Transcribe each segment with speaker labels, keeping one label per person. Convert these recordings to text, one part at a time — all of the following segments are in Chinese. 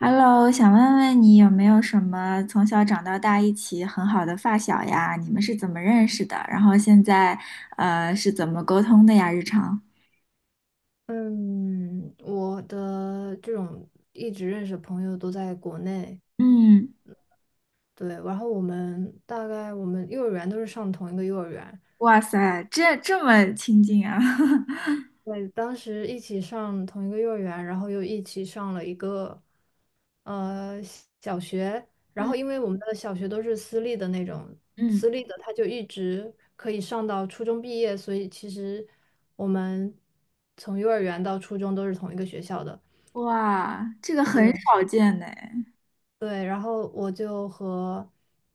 Speaker 1: Hello，想问问你有没有什么从小长到大一起很好的发小呀？你们是怎么认识的？然后现在是怎么沟通的呀？日常？
Speaker 2: 嗯，我的这种一直认识的朋友都在国内，
Speaker 1: 嗯，
Speaker 2: 对，然后我们幼儿园都是上同一个幼儿园，
Speaker 1: 哇塞，这么亲近啊！
Speaker 2: 对，当时一起上同一个幼儿园，然后又一起上了一个呃小学，然
Speaker 1: 嗯
Speaker 2: 后因为我们的小学都是私立的那种，
Speaker 1: 嗯，
Speaker 2: 私立的他就一直可以上到初中毕业，所以其实我们从幼儿园到初中都是同一个学校的。
Speaker 1: 哇，这个很
Speaker 2: 对。
Speaker 1: 少见呢。
Speaker 2: 对，然后我就和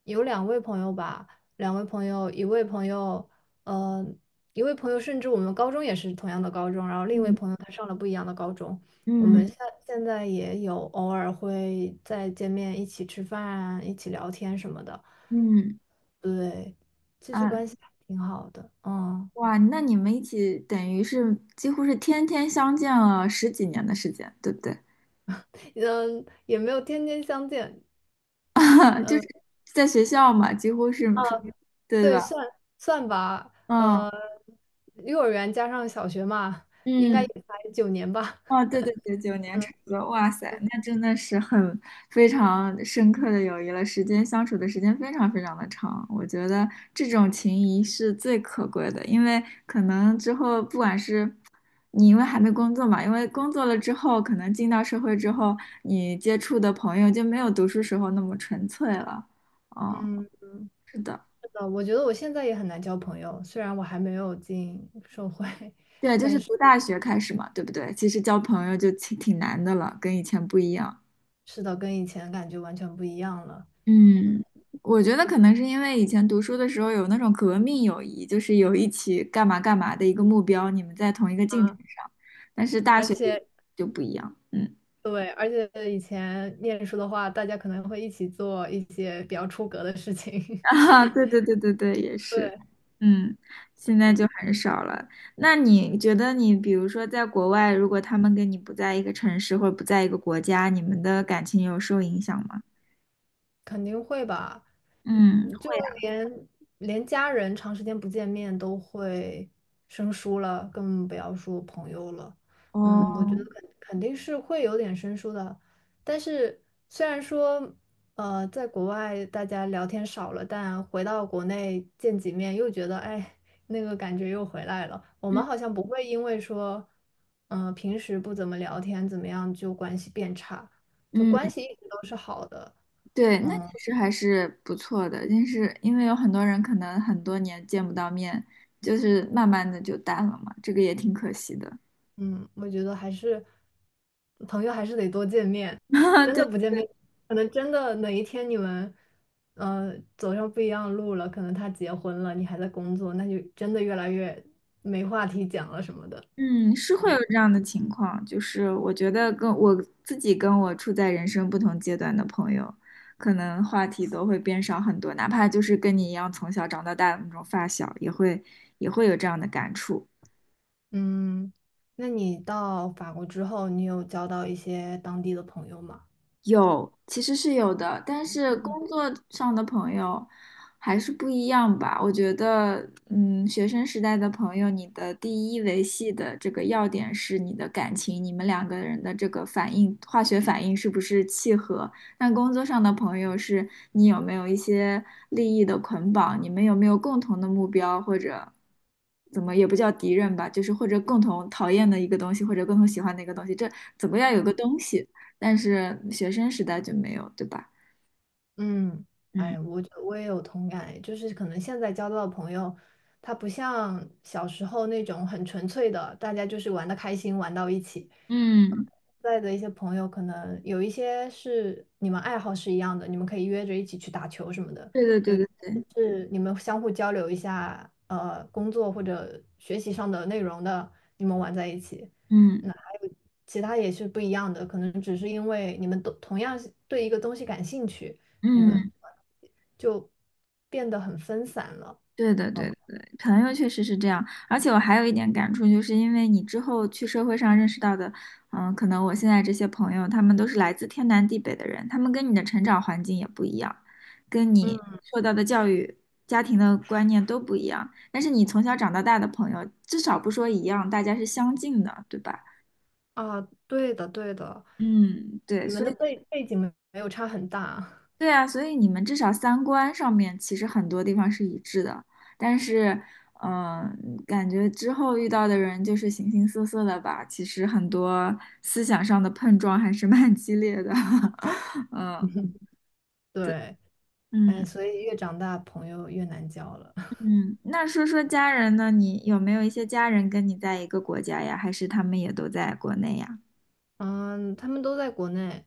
Speaker 2: 有两位朋友吧，两位朋友，呃，一位朋友甚至我们高中也是同样的高中，然后另一位
Speaker 1: 嗯
Speaker 2: 朋友他上了不一样的高中，我
Speaker 1: 嗯
Speaker 2: 们现在也有偶尔会再见面，一起吃饭，一起聊天什么的，
Speaker 1: 嗯
Speaker 2: 对，其实
Speaker 1: 啊，
Speaker 2: 关系还挺好的，嗯，
Speaker 1: 哇，那你们一起等于是几乎是天天相见了十几年的时间，对不对？
Speaker 2: 嗯，也没有天天相见，
Speaker 1: 就是
Speaker 2: 嗯。
Speaker 1: 在学校嘛，几乎是
Speaker 2: 啊。
Speaker 1: 处于对
Speaker 2: 对，
Speaker 1: 吧？
Speaker 2: 算算吧，
Speaker 1: 嗯。
Speaker 2: 幼儿园加上小学嘛，应该
Speaker 1: 嗯，
Speaker 2: 也才9年吧。
Speaker 1: 哦，对对对，9年差不多，哇塞，那真的是很非常深刻的友谊了，时间相处的时间非常非常的长，我觉得这种情谊是最可贵的，因为可能之后不管是你因为还没工作嘛，因为工作了之后，可能进到社会之后，你接触的朋友就没有读书时候那么纯粹了，嗯，
Speaker 2: 嗯，
Speaker 1: 是的。
Speaker 2: 是的，我觉得我现在也很难交朋友，虽然我还没有进社会，
Speaker 1: 对，就是
Speaker 2: 但是
Speaker 1: 读大学开始嘛，对不对？其实交朋友就挺难的了，跟以前不一样。
Speaker 2: 是的，跟以前感觉完全不一样了
Speaker 1: 嗯，我觉得可能是因为以前读书的时候有那种革命友谊，就是有一起干嘛干嘛的一个目标，你们在同一个进程
Speaker 2: 啊！
Speaker 1: 上。但是大
Speaker 2: 而
Speaker 1: 学里
Speaker 2: 且
Speaker 1: 就不一样，嗯，
Speaker 2: 对，而且以前念书的话，大家可能会一起做一些比较出格的事 情，
Speaker 1: 啊，对对对对对，也 是，
Speaker 2: 对，
Speaker 1: 嗯，现在就很少了。那你觉得你比如说在国外，如果他们跟你不在一个城市或者不在一个国家，你们的感情有受影响吗？
Speaker 2: 肯定会吧。
Speaker 1: 嗯，
Speaker 2: 就
Speaker 1: 会啊，
Speaker 2: 连连家人长时间不见面都会生疏了，更不要说朋友了。嗯，
Speaker 1: 哦，
Speaker 2: 我觉得肯定是会有点生疏的。但是虽然说，在国外大家聊天少了，但回到国内见几面，又觉得哎，那个感觉又回来了。我们好像不会因为说，平时不怎么聊天怎么样，就关系变差，就关
Speaker 1: 嗯
Speaker 2: 系一直都是好的。
Speaker 1: 对，那其实还是不错的，但是因为有很多人可能很多年见不到面，就是慢慢的就淡了嘛，这个也挺可惜的。
Speaker 2: 嗯，我觉得还是朋友还是得多见面，真
Speaker 1: 对，
Speaker 2: 的不见面，可能真的哪一天你们走上不一样的路了，可能他结婚了，你还在工作，那就真的越来越没话题讲了什么的。
Speaker 1: 嗯，是会有这样的情况，就是我觉得跟我自己跟我处在人生不同阶段的朋友，可能话题都会变少很多，哪怕就是跟你一样从小长到大的那种发小，也会有这样的感触。
Speaker 2: 嗯，那你到法国之后，你有交到一些当地的朋友吗？
Speaker 1: 有，其实是有的，但是工作上的朋友还是不一样吧。我觉得，嗯，学生时代的朋友，你的第一维系的这个要点是你的感情，你们两个人的这个反应，化学反应是不是契合？但工作上的朋友是你有没有一些利益的捆绑，你们有没有共同的目标，或者怎么也不叫敌人吧，就是或者共同讨厌的一个东西，或者共同喜欢的一个东西，这怎么要有个东西。但是学生时代就没有，对吧？
Speaker 2: 嗯，
Speaker 1: 嗯
Speaker 2: 哎，我觉得我也有同感诶就是可能现在交到的朋友，他不像小时候那种很纯粹的，大家就是玩的开心，玩到一起。
Speaker 1: 嗯，
Speaker 2: 在的一些朋友，可能有一些是你们爱好是一样的，你们可以约着一起去打球什么的；
Speaker 1: 对对
Speaker 2: 有
Speaker 1: 对
Speaker 2: 一些
Speaker 1: 对对，
Speaker 2: 是你们相互交流一下，工作或者学习上的内容的，你们玩在一起。那
Speaker 1: 嗯
Speaker 2: 还有其他也是不一样的，可能只是因为你们都同样是对一个东西感兴趣，你们
Speaker 1: 嗯，
Speaker 2: 就变得很分散了。
Speaker 1: 对的
Speaker 2: 嗯，
Speaker 1: 对的对的朋友确实是这样，而且我还有一点感触，就是因为你之后去社会上认识到的，嗯，可能我现在这些朋友，他们都是来自天南地北的人，他们跟你的成长环境也不一样，跟你
Speaker 2: 嗯
Speaker 1: 受到的教育、家庭的观念都不一样，但是你从小长到大的朋友，至少不说一样，大家是相近的，对吧？
Speaker 2: 啊，对的对的，
Speaker 1: 嗯，对，
Speaker 2: 你们
Speaker 1: 所
Speaker 2: 的
Speaker 1: 以。
Speaker 2: 背景没有差很大，
Speaker 1: 对啊，所以你们至少三观上面其实很多地方是一致的，但是，嗯、感觉之后遇到的人就是形形色色的吧，其实很多思想上的碰撞还是蛮激烈的，嗯
Speaker 2: 对。
Speaker 1: 嗯
Speaker 2: 哎，所以越长大朋友越难交了。
Speaker 1: 嗯。那说说家人呢？你有没有一些家人跟你在一个国家呀？还是他们也都在国内呀？
Speaker 2: 嗯，他们都在国内，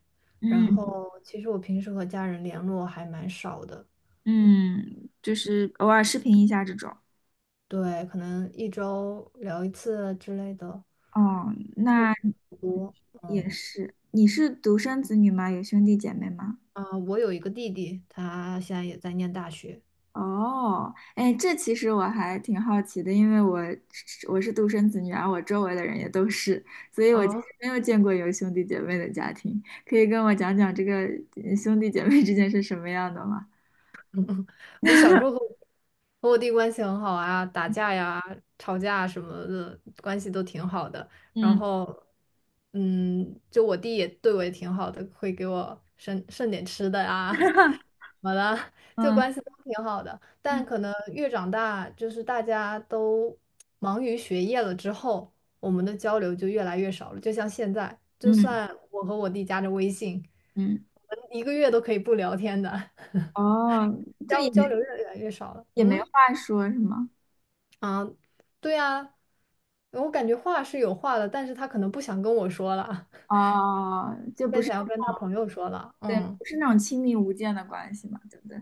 Speaker 2: 然
Speaker 1: 嗯
Speaker 2: 后其实我平时和家人联络还蛮少的，
Speaker 1: 嗯，就是偶尔视频一下这种。
Speaker 2: 对，可能一周聊一次之类的，
Speaker 1: 哦，
Speaker 2: 不
Speaker 1: 那
Speaker 2: 多。
Speaker 1: 也
Speaker 2: 嗯，
Speaker 1: 是。你是独生子女吗？有兄弟姐妹吗？
Speaker 2: 啊，我有一个弟弟，他现在也在念大学。
Speaker 1: 哦，哎，这其实我还挺好奇的，因为我是独生子女，而我周围的人也都是，所以我其实
Speaker 2: 哦，
Speaker 1: 没有见过有兄弟姐妹的家庭。可以跟我讲讲这个兄弟姐妹之间是什么样的吗？
Speaker 2: 我小时候和我弟关系很好啊，打架呀、吵架什么的，关系都挺好的。然
Speaker 1: 嗯
Speaker 2: 后，嗯，就我弟也对我也挺好的，会给我剩点吃的啊，怎 么的，就
Speaker 1: 嗯
Speaker 2: 关系都挺好的。但
Speaker 1: 嗯
Speaker 2: 可能越长大，就是大家都忙于学业了之后，我们的交流就越来越少了。就像现在，就
Speaker 1: 嗯
Speaker 2: 算我和我弟加着微信，
Speaker 1: 嗯，
Speaker 2: 我们一个月都可以不聊天的。
Speaker 1: 哦，这
Speaker 2: 交
Speaker 1: 也
Speaker 2: 交
Speaker 1: 没
Speaker 2: 流越来越少了。
Speaker 1: 也没
Speaker 2: 嗯
Speaker 1: 话说是吗？
Speaker 2: 啊，对呀，我感觉话是有话的，但是他可能不想跟我说了，
Speaker 1: 哦，就 不
Speaker 2: 更
Speaker 1: 是
Speaker 2: 想要跟他朋友说了。
Speaker 1: 对，
Speaker 2: 嗯，
Speaker 1: 不是那种亲密无间的关系嘛，对不对？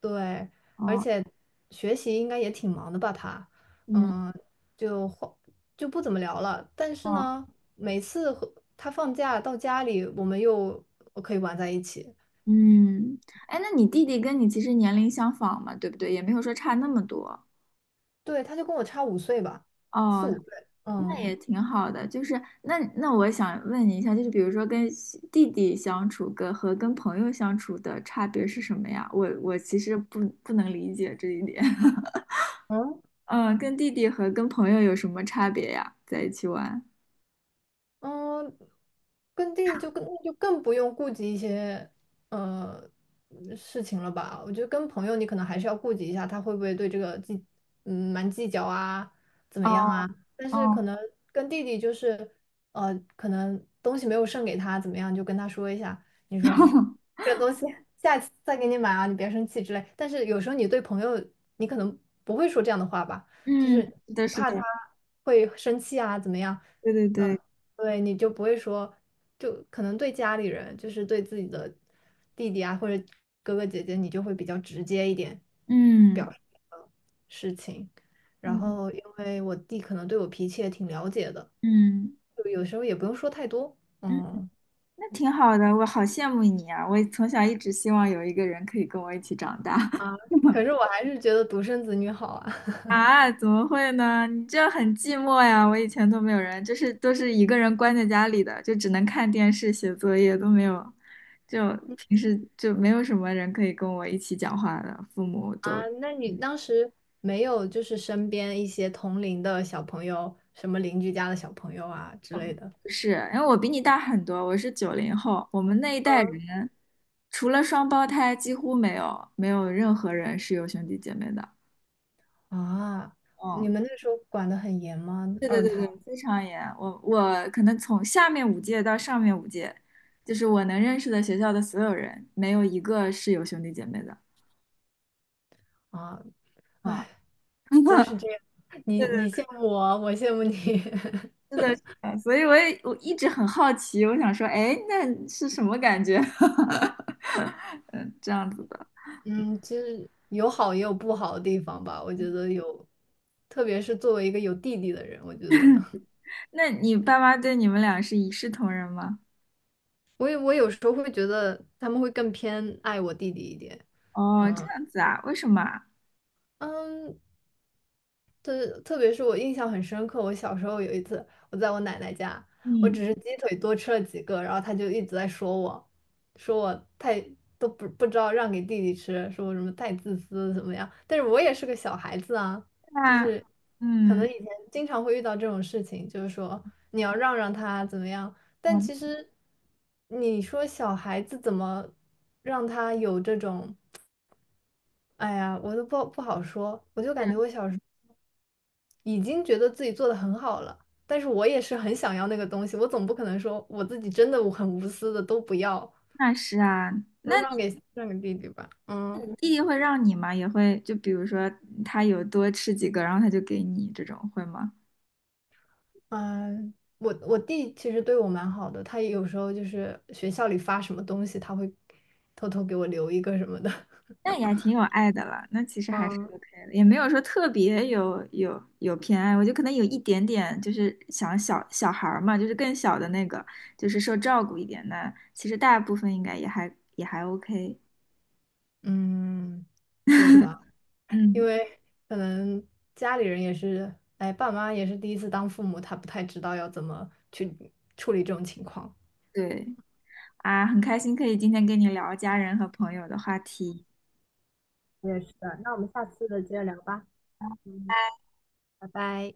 Speaker 2: 对，而
Speaker 1: 哦，
Speaker 2: 且学习应该也挺忙的吧？他，
Speaker 1: 嗯，
Speaker 2: 嗯，就话就不怎么聊了。但是
Speaker 1: 哦，
Speaker 2: 呢，每次和他放假到家里，我们又可以玩在一起。
Speaker 1: 嗯，哎，那你弟弟跟你其实年龄相仿嘛，对不对？也没有说差那么多。
Speaker 2: 对，他就跟我差五岁吧，四
Speaker 1: 哦，
Speaker 2: 五岁。
Speaker 1: 那
Speaker 2: 嗯。
Speaker 1: 也挺好的。就是那我想问你一下，就是比如说跟西弟弟相处跟和跟朋友相处的差别是什么呀？我其实不能理解这一点。
Speaker 2: 嗯
Speaker 1: 嗯，跟弟弟和跟朋友有什么差别呀？在一起玩？
Speaker 2: 嗯，跟弟弟就更不用顾及一些呃事情了吧？我觉得跟朋友你可能还是要顾及一下，他会不会对这个蛮计较啊，怎么样
Speaker 1: 哦
Speaker 2: 啊？但是可
Speaker 1: 哦，
Speaker 2: 能跟弟弟就是可能东西没有剩给他，怎么样就跟他说一下，你说。这个东西下次再给你买啊，你别生气之类。但是有时候你对朋友，你可能不会说这样的话吧，就
Speaker 1: 嗯，
Speaker 2: 是
Speaker 1: 是的，
Speaker 2: 你
Speaker 1: 是
Speaker 2: 怕
Speaker 1: 的，
Speaker 2: 他会生气啊，怎么样？
Speaker 1: 对对对，
Speaker 2: 那对你就不会说，就可能对家里人，就是对自己的弟弟啊或者哥哥姐姐，你就会比较直接一点
Speaker 1: 嗯
Speaker 2: 表示这个事情。然
Speaker 1: 嗯
Speaker 2: 后因为我弟可能对我脾气也挺了解的，
Speaker 1: 嗯。
Speaker 2: 就有时候也不用说太多，
Speaker 1: 嗯
Speaker 2: 嗯。
Speaker 1: 那挺好的，我好羡慕你啊！我从小一直希望有一个人可以跟我一起长大
Speaker 2: 啊可是我还是觉得独生子女好啊。
Speaker 1: 啊！怎么会呢？你这样很寂寞呀！我以前都没有人，就是都是一个人关在家里的，就只能看电视、写作业，都没有，就平时就没有什么人可以跟我一起讲话的，父母
Speaker 2: 啊，
Speaker 1: 都
Speaker 2: 那你当时没有就是身边一些同龄的小朋友，什么邻居家的小朋友啊之类的？
Speaker 1: 不是，因为我比你大很多，我是90后，我们那一代
Speaker 2: 嗯
Speaker 1: 人除了双胞胎，几乎没有任何人是有兄弟姐妹的。
Speaker 2: 啊，你
Speaker 1: 嗯，
Speaker 2: 们那时候管得很严吗？
Speaker 1: 对对
Speaker 2: 二
Speaker 1: 对
Speaker 2: 胎
Speaker 1: 对，非常严。我可能从下面五届到上面五届，就是我能认识的学校的所有人，没有一个是有兄弟姐妹的。
Speaker 2: 啊，
Speaker 1: 啊，
Speaker 2: 哎，都是这 样。你
Speaker 1: 对
Speaker 2: 你
Speaker 1: 的，
Speaker 2: 羡慕我，我羡慕你。
Speaker 1: 是的，是的。所以我一直很好奇，我想说，哎，那是什么感觉？嗯，这样子的。
Speaker 2: 嗯，其实有好也有不好的地方吧。我觉得有，特别是作为一个有弟弟的人，我觉得
Speaker 1: 那你爸妈对你们俩是一视同仁吗？
Speaker 2: 我有时候会觉得他们会更偏爱我弟弟一点。
Speaker 1: 哦，这
Speaker 2: 嗯，
Speaker 1: 样子啊？为什么啊？
Speaker 2: 嗯，对，特别是我印象很深刻，我小时候有一次，我在我奶奶家，我
Speaker 1: 嗯，
Speaker 2: 只是鸡腿多吃了几个，然后她就一直在说我，说我太都不知道让给弟弟吃，说我什么太自私怎么样，但是我也是个小孩子啊，就
Speaker 1: 那
Speaker 2: 是可
Speaker 1: 嗯，
Speaker 2: 能以前经常会遇到这种事情，就是说你要让他怎么样，但
Speaker 1: 哦，
Speaker 2: 其实你说小孩子怎么让他有这种。哎呀，我都不好说，我就感觉我小时候。已经觉得自己做的很好了，但是我也是很想要那个东西，我总不可能说我自己真的我很无私的都不要，
Speaker 1: 那是啊。
Speaker 2: 都让给弟弟吧。嗯
Speaker 1: 弟弟会让你吗？也会，就比如说他有多吃几个，然后他就给你这种，会吗？
Speaker 2: 嗯，我弟其实对我蛮好的，他有时候就是学校里发什么东西，他会偷偷给我留一个什么的。
Speaker 1: 那也还挺有爱的了，那其实还是
Speaker 2: 嗯
Speaker 1: OK 的，也没有说特别有偏爱，我就可能有一点点，就是想小小孩儿嘛，就是更小的那个，就是受照顾一点那其实大部分应该也还 OK。
Speaker 2: 嗯，对吧？因
Speaker 1: 嗯，
Speaker 2: 为可能家里人也是，哎，爸妈也是第一次当父母，他不太知道要怎么去处理这种情况。
Speaker 1: 对啊，很开心可以今天跟你聊家人和朋友的话题。
Speaker 2: 我也是的，那我们下次接着聊吧。嗯，拜拜。